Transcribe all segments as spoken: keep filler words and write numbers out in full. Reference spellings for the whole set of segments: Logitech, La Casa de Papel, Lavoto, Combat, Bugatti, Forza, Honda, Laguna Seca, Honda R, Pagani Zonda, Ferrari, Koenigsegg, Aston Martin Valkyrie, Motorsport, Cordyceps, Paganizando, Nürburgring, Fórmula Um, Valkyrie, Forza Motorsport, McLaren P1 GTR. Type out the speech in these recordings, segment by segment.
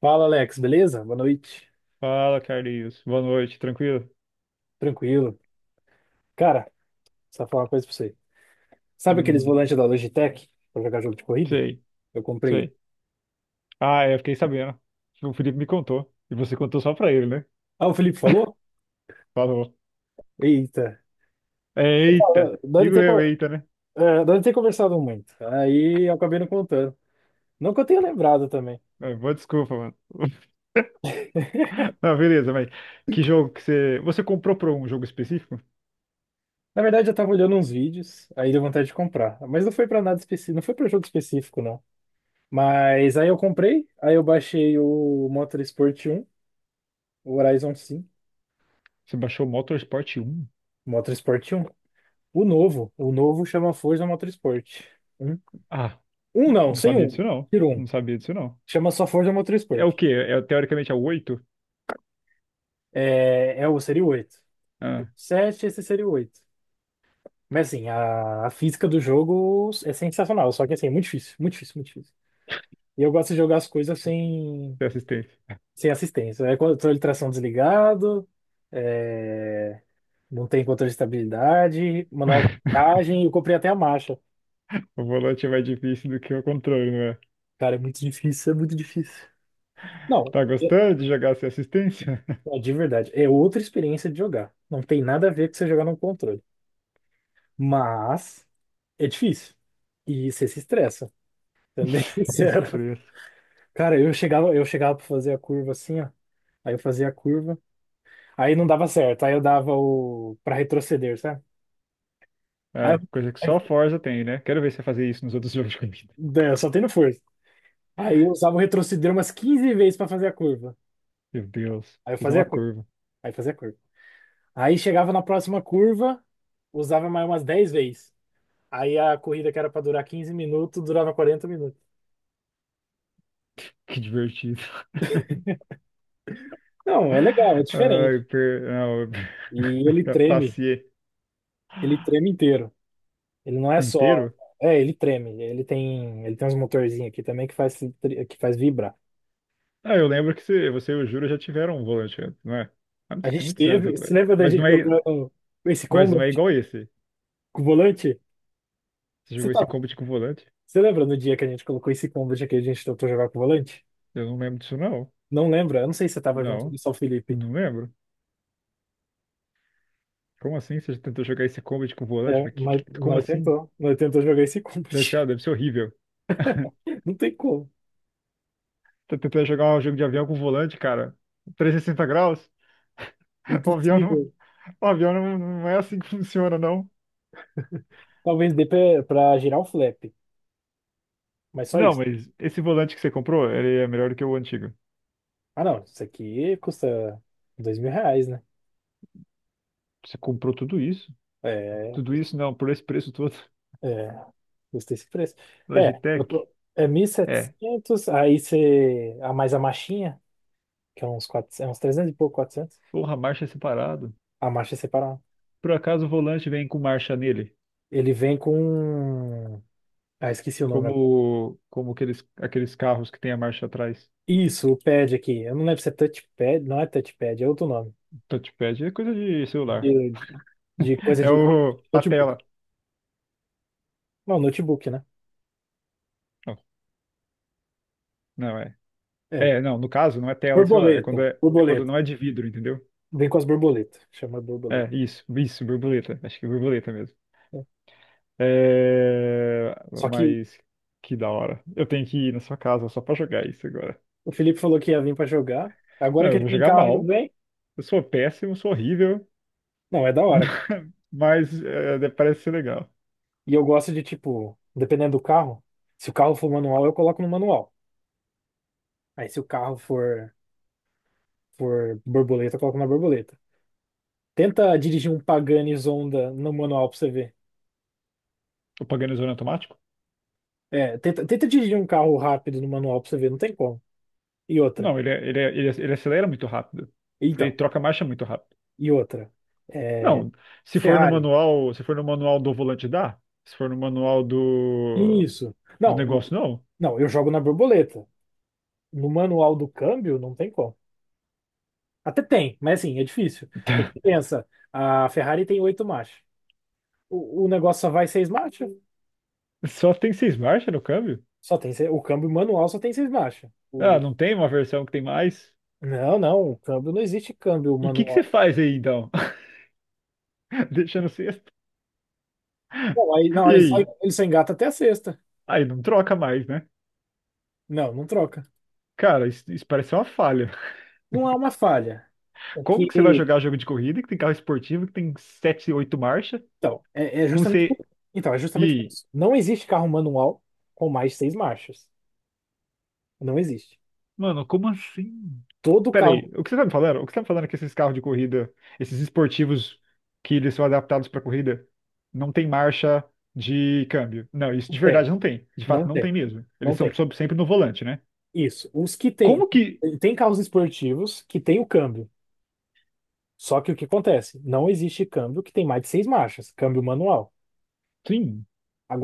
Fala, Alex, beleza? Boa noite. Fala, Carlinhos. Boa noite, tranquilo? Tranquilo. Cara, só falar uma coisa pra você. Sabe aqueles Hum, volantes da Logitech pra jogar jogo de corrida? sei, Eu comprei um. sei. Ah, é, eu fiquei sabendo. O Felipe me contou. E você contou só pra ele, né? Ah, o Felipe falou? Falou. Eita. Eita! Ah, Nós não Digo tem, eu, co- eita, né? é, nós não tem conversado muito. Aí eu acabei não contando. Não que eu tenha lembrado também. Ah, boa desculpa, mano. Ah, beleza, mas que jogo que você. Você comprou pra um jogo específico? Na verdade, eu tava olhando uns vídeos, aí deu vontade de comprar. Mas não foi pra nada específico, não foi pra jogo específico, não. Mas aí eu comprei, aí eu baixei o Motorsport um, o Horizon cinco, Você baixou Motorsport um? Motorsport um. O novo. O novo chama Forza Motorsport. Um, Ah, um não, não sem sabia disso um. não. Tira um. Não sabia disso não. Chama só Forza É Motorsport. o quê? É, teoricamente é o oito? É, é o seria o oito. Ah, sete, esse seria o oito. Mas assim, a, a física do jogo é sensacional. Só que assim, é muito difícil. Muito difícil, muito difícil. E eu gosto de jogar as coisas sem, tem assistência. sem assistência. É controle de tração desligado. é, não tem controle de estabilidade. Manual de viagem. Eu comprei até a marcha. O volante é mais difícil do que o controle, não é? Cara, é muito difícil, é muito difícil. Não. Tá gostando de jogar sem assistência? Ó, de verdade, é outra experiência de jogar. Não tem nada a ver com você jogar no controle. Mas é difícil. E você se estressa, sendo bem sincero. Estresse. Cara, eu chegava, eu chegava pra fazer a curva assim, ó. Aí eu fazia a curva. Aí não dava certo. Aí eu dava o. pra retroceder, sabe? Aí eu, É, coisa que só aí- Forza tem, né? Quero ver você fazer isso nos outros jogos de corrida. é, Só tendo força. Aí eu usava o retroceder umas quinze vezes pra fazer a curva. Meu Deus, Aí eu fazer fazia uma a curva. curva. Aí fazia a curva. Aí chegava na próxima curva, usava mais umas dez vezes. Aí a corrida que era para durar quinze minutos, durava quarenta minutos. Que divertido. Não, é legal, é Ai, diferente. per... não, eu- E ele treme, passei ele treme inteiro. Ele não é só. inteiro. É, ele treme. Ele tem, ele tem uns motorzinhos aqui também que faz, que faz vibrar. Ah, eu lembro que você, você e o Júlio já tiveram um volante antes, não é? Há A muito- Tem gente muitos anos teve. Você atrás. lembra da Mas não gente é, jogando esse mas não Combat é igual esse. com o volante? Você Você jogou esse tava, Combat com volante? você lembra no dia que a gente colocou esse Combat aqui, a gente tentou jogar com o volante? Eu não lembro disso, não. Não lembra? Eu não sei se você tava junto Não, do São Felipe. não lembro. Como assim? Você já tentou jogar esse Combat com volante? É, Mas que- mas que- como nós assim? tentou. Nós tentou jogar esse Deve Combat. ser, ah, deve ser horrível. Não tem como. Tô tentando jogar um jogo de avião com um volante, cara. Trezentos e sessenta graus? O avião não, Impossível. o avião não, não é assim que funciona, não. Talvez dê pra, pra girar o flap, mas só Não, isso. mas esse volante que você comprou, ele é melhor do que o antigo. Ah, não, isso aqui custa dois mil reais, né? Você comprou tudo isso? É, Tudo isso não, por esse preço todo. é, custa esse preço. É, eu Logitech? tô, é mil e É. setecentos aí você, a mais a marchinha, que é uns quatrocentos, é uns trezentos e pouco, quatrocentos Porra, marcha é separado. a marcha é separada. Por acaso o volante vem com marcha nele? Ele vem com, ah, Esqueci o nome agora. Como, como aqueles, aqueles carros que tem a marcha atrás. Isso, o pad aqui, eu não lembro se é touchpad, não é touchpad, é outro nome, Touchpad é coisa de celular. de, de, de coisa É de o, a notebook. tela. Não, notebook, né? Não, não é. É, É, não, no caso não é tela de celular, é quando, borboleta, é, é quando borboleta. não é de vidro, entendeu? Vem com as borboletas, chama borboleta. É, isso, isso, borboleta. Acho que é borboleta mesmo. Né? É, Só que mas que da hora. Eu tenho que ir na sua casa só pra jogar isso agora. o Felipe falou que ia vir pra jogar. Agora Não, que eu ele vou tem jogar carro e não mal. vem, Eu sou péssimo, sou horrível, não, é da hora, cara. mas é, parece ser legal. E eu gosto de, tipo, dependendo do carro, se o carro for manual, eu coloco no manual. Aí se o carro for, for borboleta, eu coloco na borboleta. Tenta dirigir um Pagani Zonda no manual pra você ver. O Paganizando automático? É, tenta, tenta dirigir um carro rápido no manual pra você ver, não tem como. E outra. Não, ele, é- ele, é- ele, é- ele acelera muito rápido. Ele Então, troca marcha muito rápido. e outra. É, Não, se for no Ferrari. manual, se for no manual do volante dá. Se for no manual do, Isso. do Não, o- negócio, não. não, eu jogo na borboleta. No manual do câmbio, não tem como. Até tem, mas assim, é difícil. Porque pensa, a Ferrari tem oito marchas. O, o negócio só vai seis marchas? Só tem seis marchas no câmbio? Só tem, se- o câmbio manual só tem seis marchas. Ah, O, não tem uma versão que tem mais? Não, não, o câmbio não existe câmbio E o que que você manual. faz aí então? Deixa no sexto? Não, aí, não, E ele só, aí? ele só engata até a sexta. Aí não troca mais, né? Não, não troca. Cara, isso, isso parece uma falha. Não é uma falha. É Como que, que você vai jogar jogo de corrida que tem carro esportivo que tem sete, oito marchas então, é, é com justamente por, você. então, é E justamente por aí? isso. Não existe carro manual com mais de seis marchas. Não existe. Mano, como assim? Todo carro Peraí, o que você tá me falando? O que você tá me falando é que esses carros de corrida, esses esportivos que eles são adaptados pra corrida, não tem marcha de câmbio. Não, isso não de tem. verdade não tem. De fato, Não não tem. tem mesmo. Eles Não são tem. sob- sempre no volante, né? Isso. Os que tem, Como que. tem carros esportivos que tem o câmbio. Só que o que acontece? Não existe câmbio que tem mais de seis marchas, câmbio manual. Sim,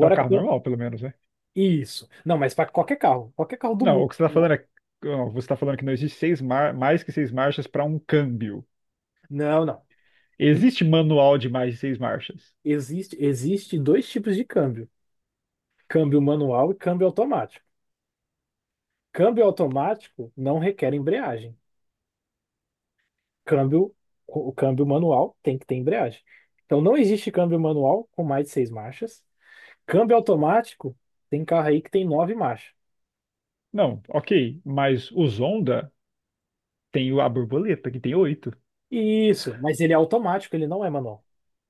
pra carro cã- normal, pelo menos, né? isso. Não, mas para qualquer carro, qualquer carro do Não, mundo. o que você tá falando é. Ó, você tá falando que não existe seis mar... mais que seis marchas pra um câmbio. Não, não. Existe manual de mais de seis marchas? Existe, existe dois tipos de câmbio: câmbio manual e câmbio automático. Câmbio automático não requer embreagem. Câmbio, o câmbio manual tem que ter embreagem. Então não existe câmbio manual com mais de seis marchas. Câmbio automático tem carro aí que tem nove marchas. Não, ok. Mas os Honda tem o- a borboleta, que tem oito. Isso, mas ele é automático, ele não é manual.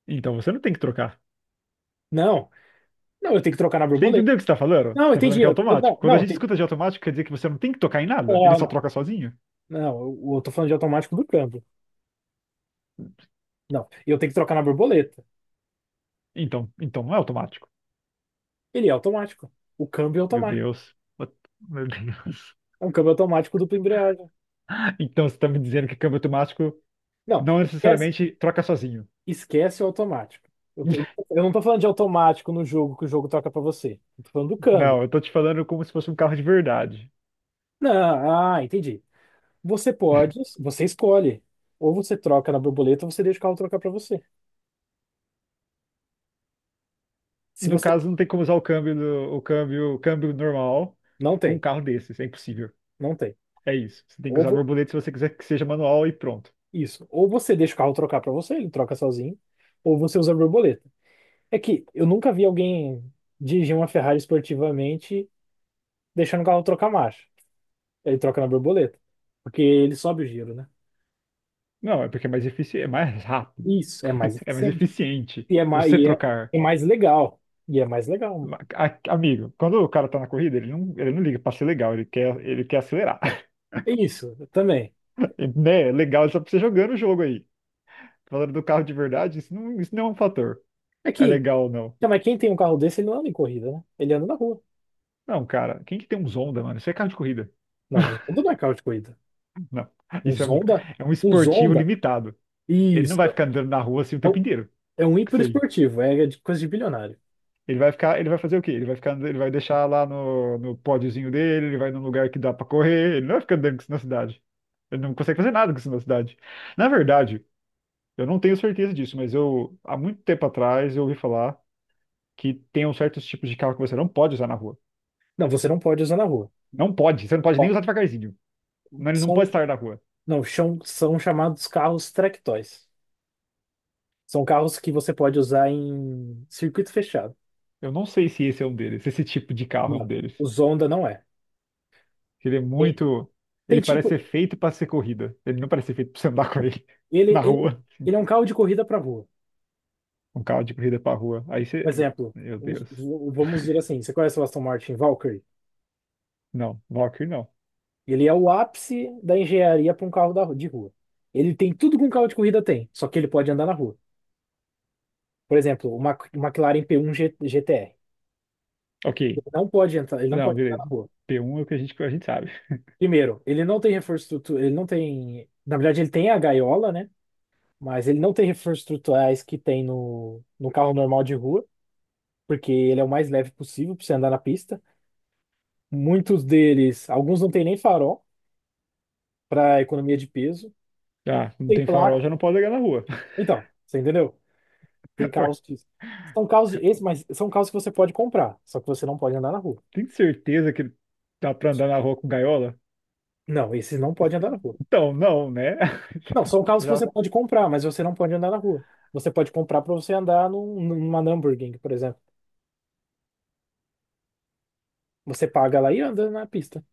Então você não tem que trocar. Não, não, eu tenho que trocar na Você borboleta. entendeu o que você tá falando? Não, Você eu tá falando entendi. que é Eu, eu- automático. Não, Quando a não, gente tem, escuta de automático, quer dizer que você não tem que tocar em nada? Ele ah, só não, troca sozinho? não, eu, eu tô falando de automático do câmbio. Não, eu tenho que trocar na borboleta. Então, então não é automático. Ele é automático. O câmbio é Meu automático. Deus. Meu Deus. É um câmbio automático dupla embreagem. Então você está me dizendo que câmbio automático Não, não esquece, necessariamente troca sozinho. esquece o automático. Eu, tô- eu não tô falando de automático no jogo que o jogo troca pra você. Eu tô falando do câmbio. Não, eu tô te falando como se fosse um carro de verdade. Não, ah, entendi. Você pode, você escolhe. Ou você troca na borboleta ou você deixa o carro trocar pra você. Se No você caso, não tem como usar o câmbio, do- o câmbio, o câmbio normal não com um tem. carro desses. É impossível. Não tem. É isso. Você tem que Ou usar vo- borboleta se você quiser que seja manual e pronto. isso. Ou você deixa o carro trocar pra você, ele troca sozinho, ou você usa a borboleta. É que eu nunca vi alguém dirigir uma Ferrari esportivamente deixando o carro trocar marcha. Ele troca na borboleta, porque ele sobe o giro, né? Não, é porque é mais eficiente, é mais rápido, Isso, é mais é mais eficiente. eficiente E é mais, você e é, trocar. É mais legal. E é mais legal. A- Amigo, quando o cara tá na corrida, ele não, ele não liga pra ser legal, ele quer, ele quer acelerar. É isso, também. E, né? Legal é só pra você jogando o jogo aí. Falando do carro de verdade, isso não, isso não é um fator. É É que, legal ou não. tá, mas quem tem um carro desse, ele não anda em corrida, né? Ele anda na rua. Não, cara, quem que tem uns Honda, mano? Isso é carro de corrida. Não, um Zonda não é carro de corrida. Não. Um Isso é um, Zonda, é um um esportivo Zonda, limitado. Ele não isso. vai ficar andando na rua assim o tempo Então, inteiro. é um Com isso aí. hiperesportivo, é de coisa de bilionário. Ele vai ficar, ele vai fazer o quê? Ele vai ficar, ele vai deixar lá no, no pódiozinho dele, ele vai num lugar que dá pra correr, ele não vai ficar andando com isso na cidade. Ele não consegue fazer nada com isso na cidade. Na verdade, eu não tenho certeza disso, mas eu há muito tempo atrás eu ouvi falar que tem uns certos tipos de carro que você não pode usar na rua. Não, você não pode usar na rua. Não pode, você não pode nem Ó, usar devagarzinho. Não, ele não pode são, estar na rua. não, chão- são chamados carros track toys. São carros que você pode usar em circuito fechado. Eu não sei se esse é um deles, se esse tipo de carro é um Não, o deles. Zonda não é. Ele é Tem, muito, tem ele tipo, parece ser feito para ser corrida. Ele não parece ser feito para você andar com ele ele, na ele, rua. ele é um carro de corrida para rua. Um carro de corrida para rua. Aí Por você, exemplo, meu um- Deus. v- vamos dizer assim, você conhece o Aston Martin Valkyrie? Não, Valkyrie não. Ele é o ápice da engenharia para um carro da, de rua. Ele tem tudo que um carro de corrida tem, só que ele pode andar na rua. Por exemplo, o Mac- o McLaren P um G- GTR. Ok. Ele não pode entrar, ele não Não, pode entrar beleza. na rua. P um é o que a gente, a gente sabe. Primeiro, ele não tem reforço estrutural, ele não tem, na verdade ele tem a gaiola, né? Mas ele não tem reforços estruturais que tem no, no carro normal de rua, porque ele é o mais leve possível para você andar na pista. Muitos deles, alguns não tem nem farol para economia de peso, Ah, não tem tem placa. farol, já não pode ligar na rua. Então, você entendeu? Tem carros que são carros de, esse, mas são carros que você pode comprar, só que você não pode andar na rua. Tem certeza que dá pra andar na rua com gaiola? Não, esses não podem andar na rua. Então, não, né? Não, são carros que Já, você pode comprar, mas você não pode andar na rua. Você pode comprar para você andar num, numa Nürburgring, por exemplo. Você paga lá e anda na pista.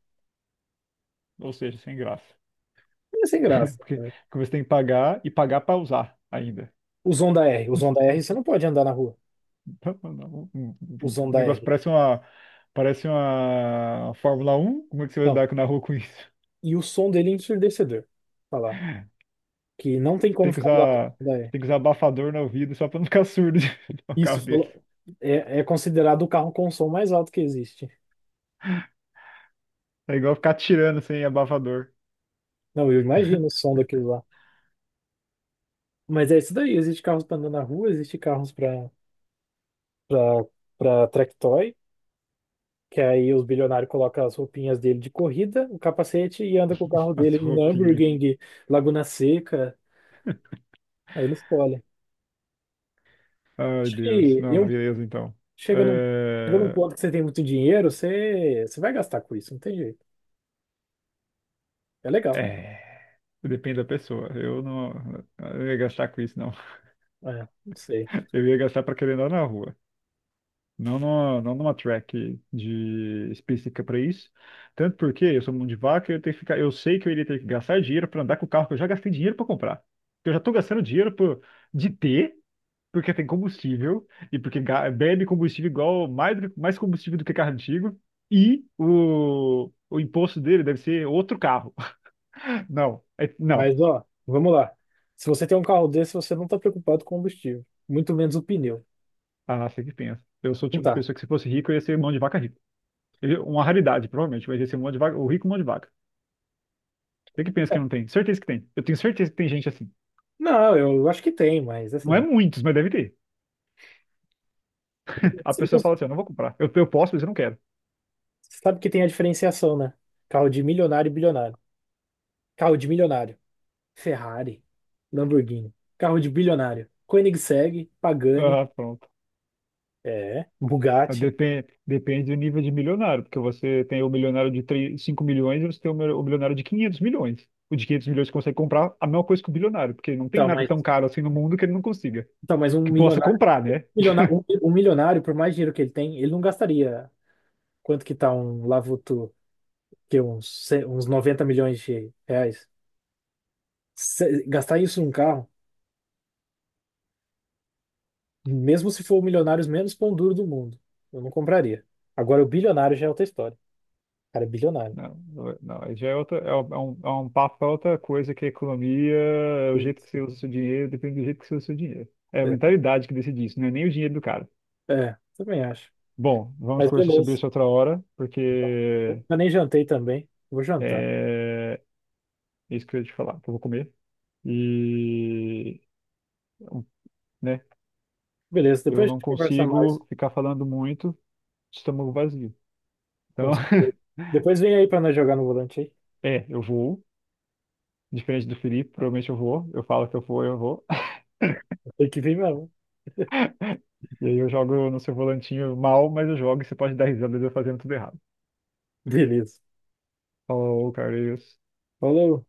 ou seja, sem graça. É sem graça, Porque, né? porque você tem que pagar e pagar pra usar ainda. Os Honda R. Os Honda R você não pode andar na rua. Então, não, o Os o Honda negócio R. parece uma, parece uma Fórmula Um. Como é que você vai Não. andar na rua com isso? E o som dele é ensurdecedor. Falar. Que não tem Você como tem que ficar do lado usar, do Honda você R. tem que usar abafador no ouvido só pra não ficar surdo de um Isso carro desse. falou- é, é considerado o carro com som mais alto que existe. É igual ficar tirando sem abafador Não, eu imagino o som daquilo lá. Mas é isso daí. Existe carros para andar na rua, existe carros para para para track. Que aí os bilionários colocam as roupinhas dele de corrida, o capacete e anda com o carro as dele em roupinhas. Nürburgring, Laguna Seca. Aí ele escolhe. Ai, Acho Deus. que Não, eu beleza, então. chega num, chega num É... ponto que você tem muito dinheiro, você, você vai gastar com isso, não tem jeito. É legal. é. Depende da pessoa. Eu não, eu ia gastar com isso, não. É, não sei. Eu ia gastar para querer andar na rua. Não numa, não numa track de específica para isso. Tanto porque eu sou mão de vaca, eu tenho que ficar, eu sei que eu iria ter que gastar dinheiro para andar com o carro que eu já gastei dinheiro para comprar. Eu já estou gastando dinheiro por, de ter, porque tem combustível e porque ga- bebe combustível igual mais, do que- mais combustível do que carro antigo e o, o imposto dele deve ser outro carro. Não, é- não. Mas ó, vamos lá. Se você tem um carro desse, você não está preocupado com o combustível, muito menos o pneu. Ah, sei que pensa. Eu sou o Não tipo de tá. pessoa que se fosse rico, eu ia ser mão de vaca rico. Eu- Uma raridade, provavelmente, mas ia ser mão de vaca, o rico mão de vaca. Você que pensa que não tem? Certeza que tem. Eu tenho certeza que tem gente assim. Não, eu acho que tem, mas Não é assim, muitos, mas deve ter. A pessoa você fala assim, eu não vou comprar. Eu, eu posso, mas eu não quero. sabe que tem a diferenciação, né? Carro de milionário e bilionário. Carro de milionário. Ferrari, Lamborghini, carro de bilionário, Koenigsegg, Pagani, Ah, pronto. é, Bugatti. Depende, depende do nível de milionário, porque você tem o milionário de três, cinco milhões e você tem o mil- o milionário de quinhentos milhões. O de quinhentos milhões consegue comprar a mesma coisa que o bilionário, porque não tem Então, nada mas, tão caro assim no mundo que ele não consiga. então, mas um Que possa milionário, um comprar, né? milionário, um, um milionário, por mais dinheiro que ele tem, ele não gastaria quanto que tá um Lavoto, que é uns, ce- uns noventa milhões de reais. Se- gastar isso num carro, mesmo se for o milionário menos pão duro do mundo, eu não compraria. Agora, o bilionário já é outra história. O cara é bilionário. Não, não, aí já é outra, é um, é um é um papo pra outra coisa que a economia, é o jeito que você usa o seu dinheiro, depende do jeito que você usa o seu dinheiro. É a É, mentalidade que decide isso, não é nem o dinheiro do cara. é, também acho. Bom, vamos Mas conversar sobre beleza. isso outra hora, Eu porque nem jantei também. Vou jantar. é isso que eu ia te falar, que eu vou comer. E, né, Beleza, depois eu a não gente conversa mais. consigo ficar falando muito de estômago vazio. Então, Depois vem aí pra nós jogar no volante aí. é, eu vou, diferente do Felipe, provavelmente eu vou, eu falo que eu vou, eu vou. Tem que vir mesmo. E aí eu jogo no seu volantinho mal, mas eu jogo e você pode dar risada de eu fazendo tudo errado. Beleza. Falou, Carlinhos. Falou.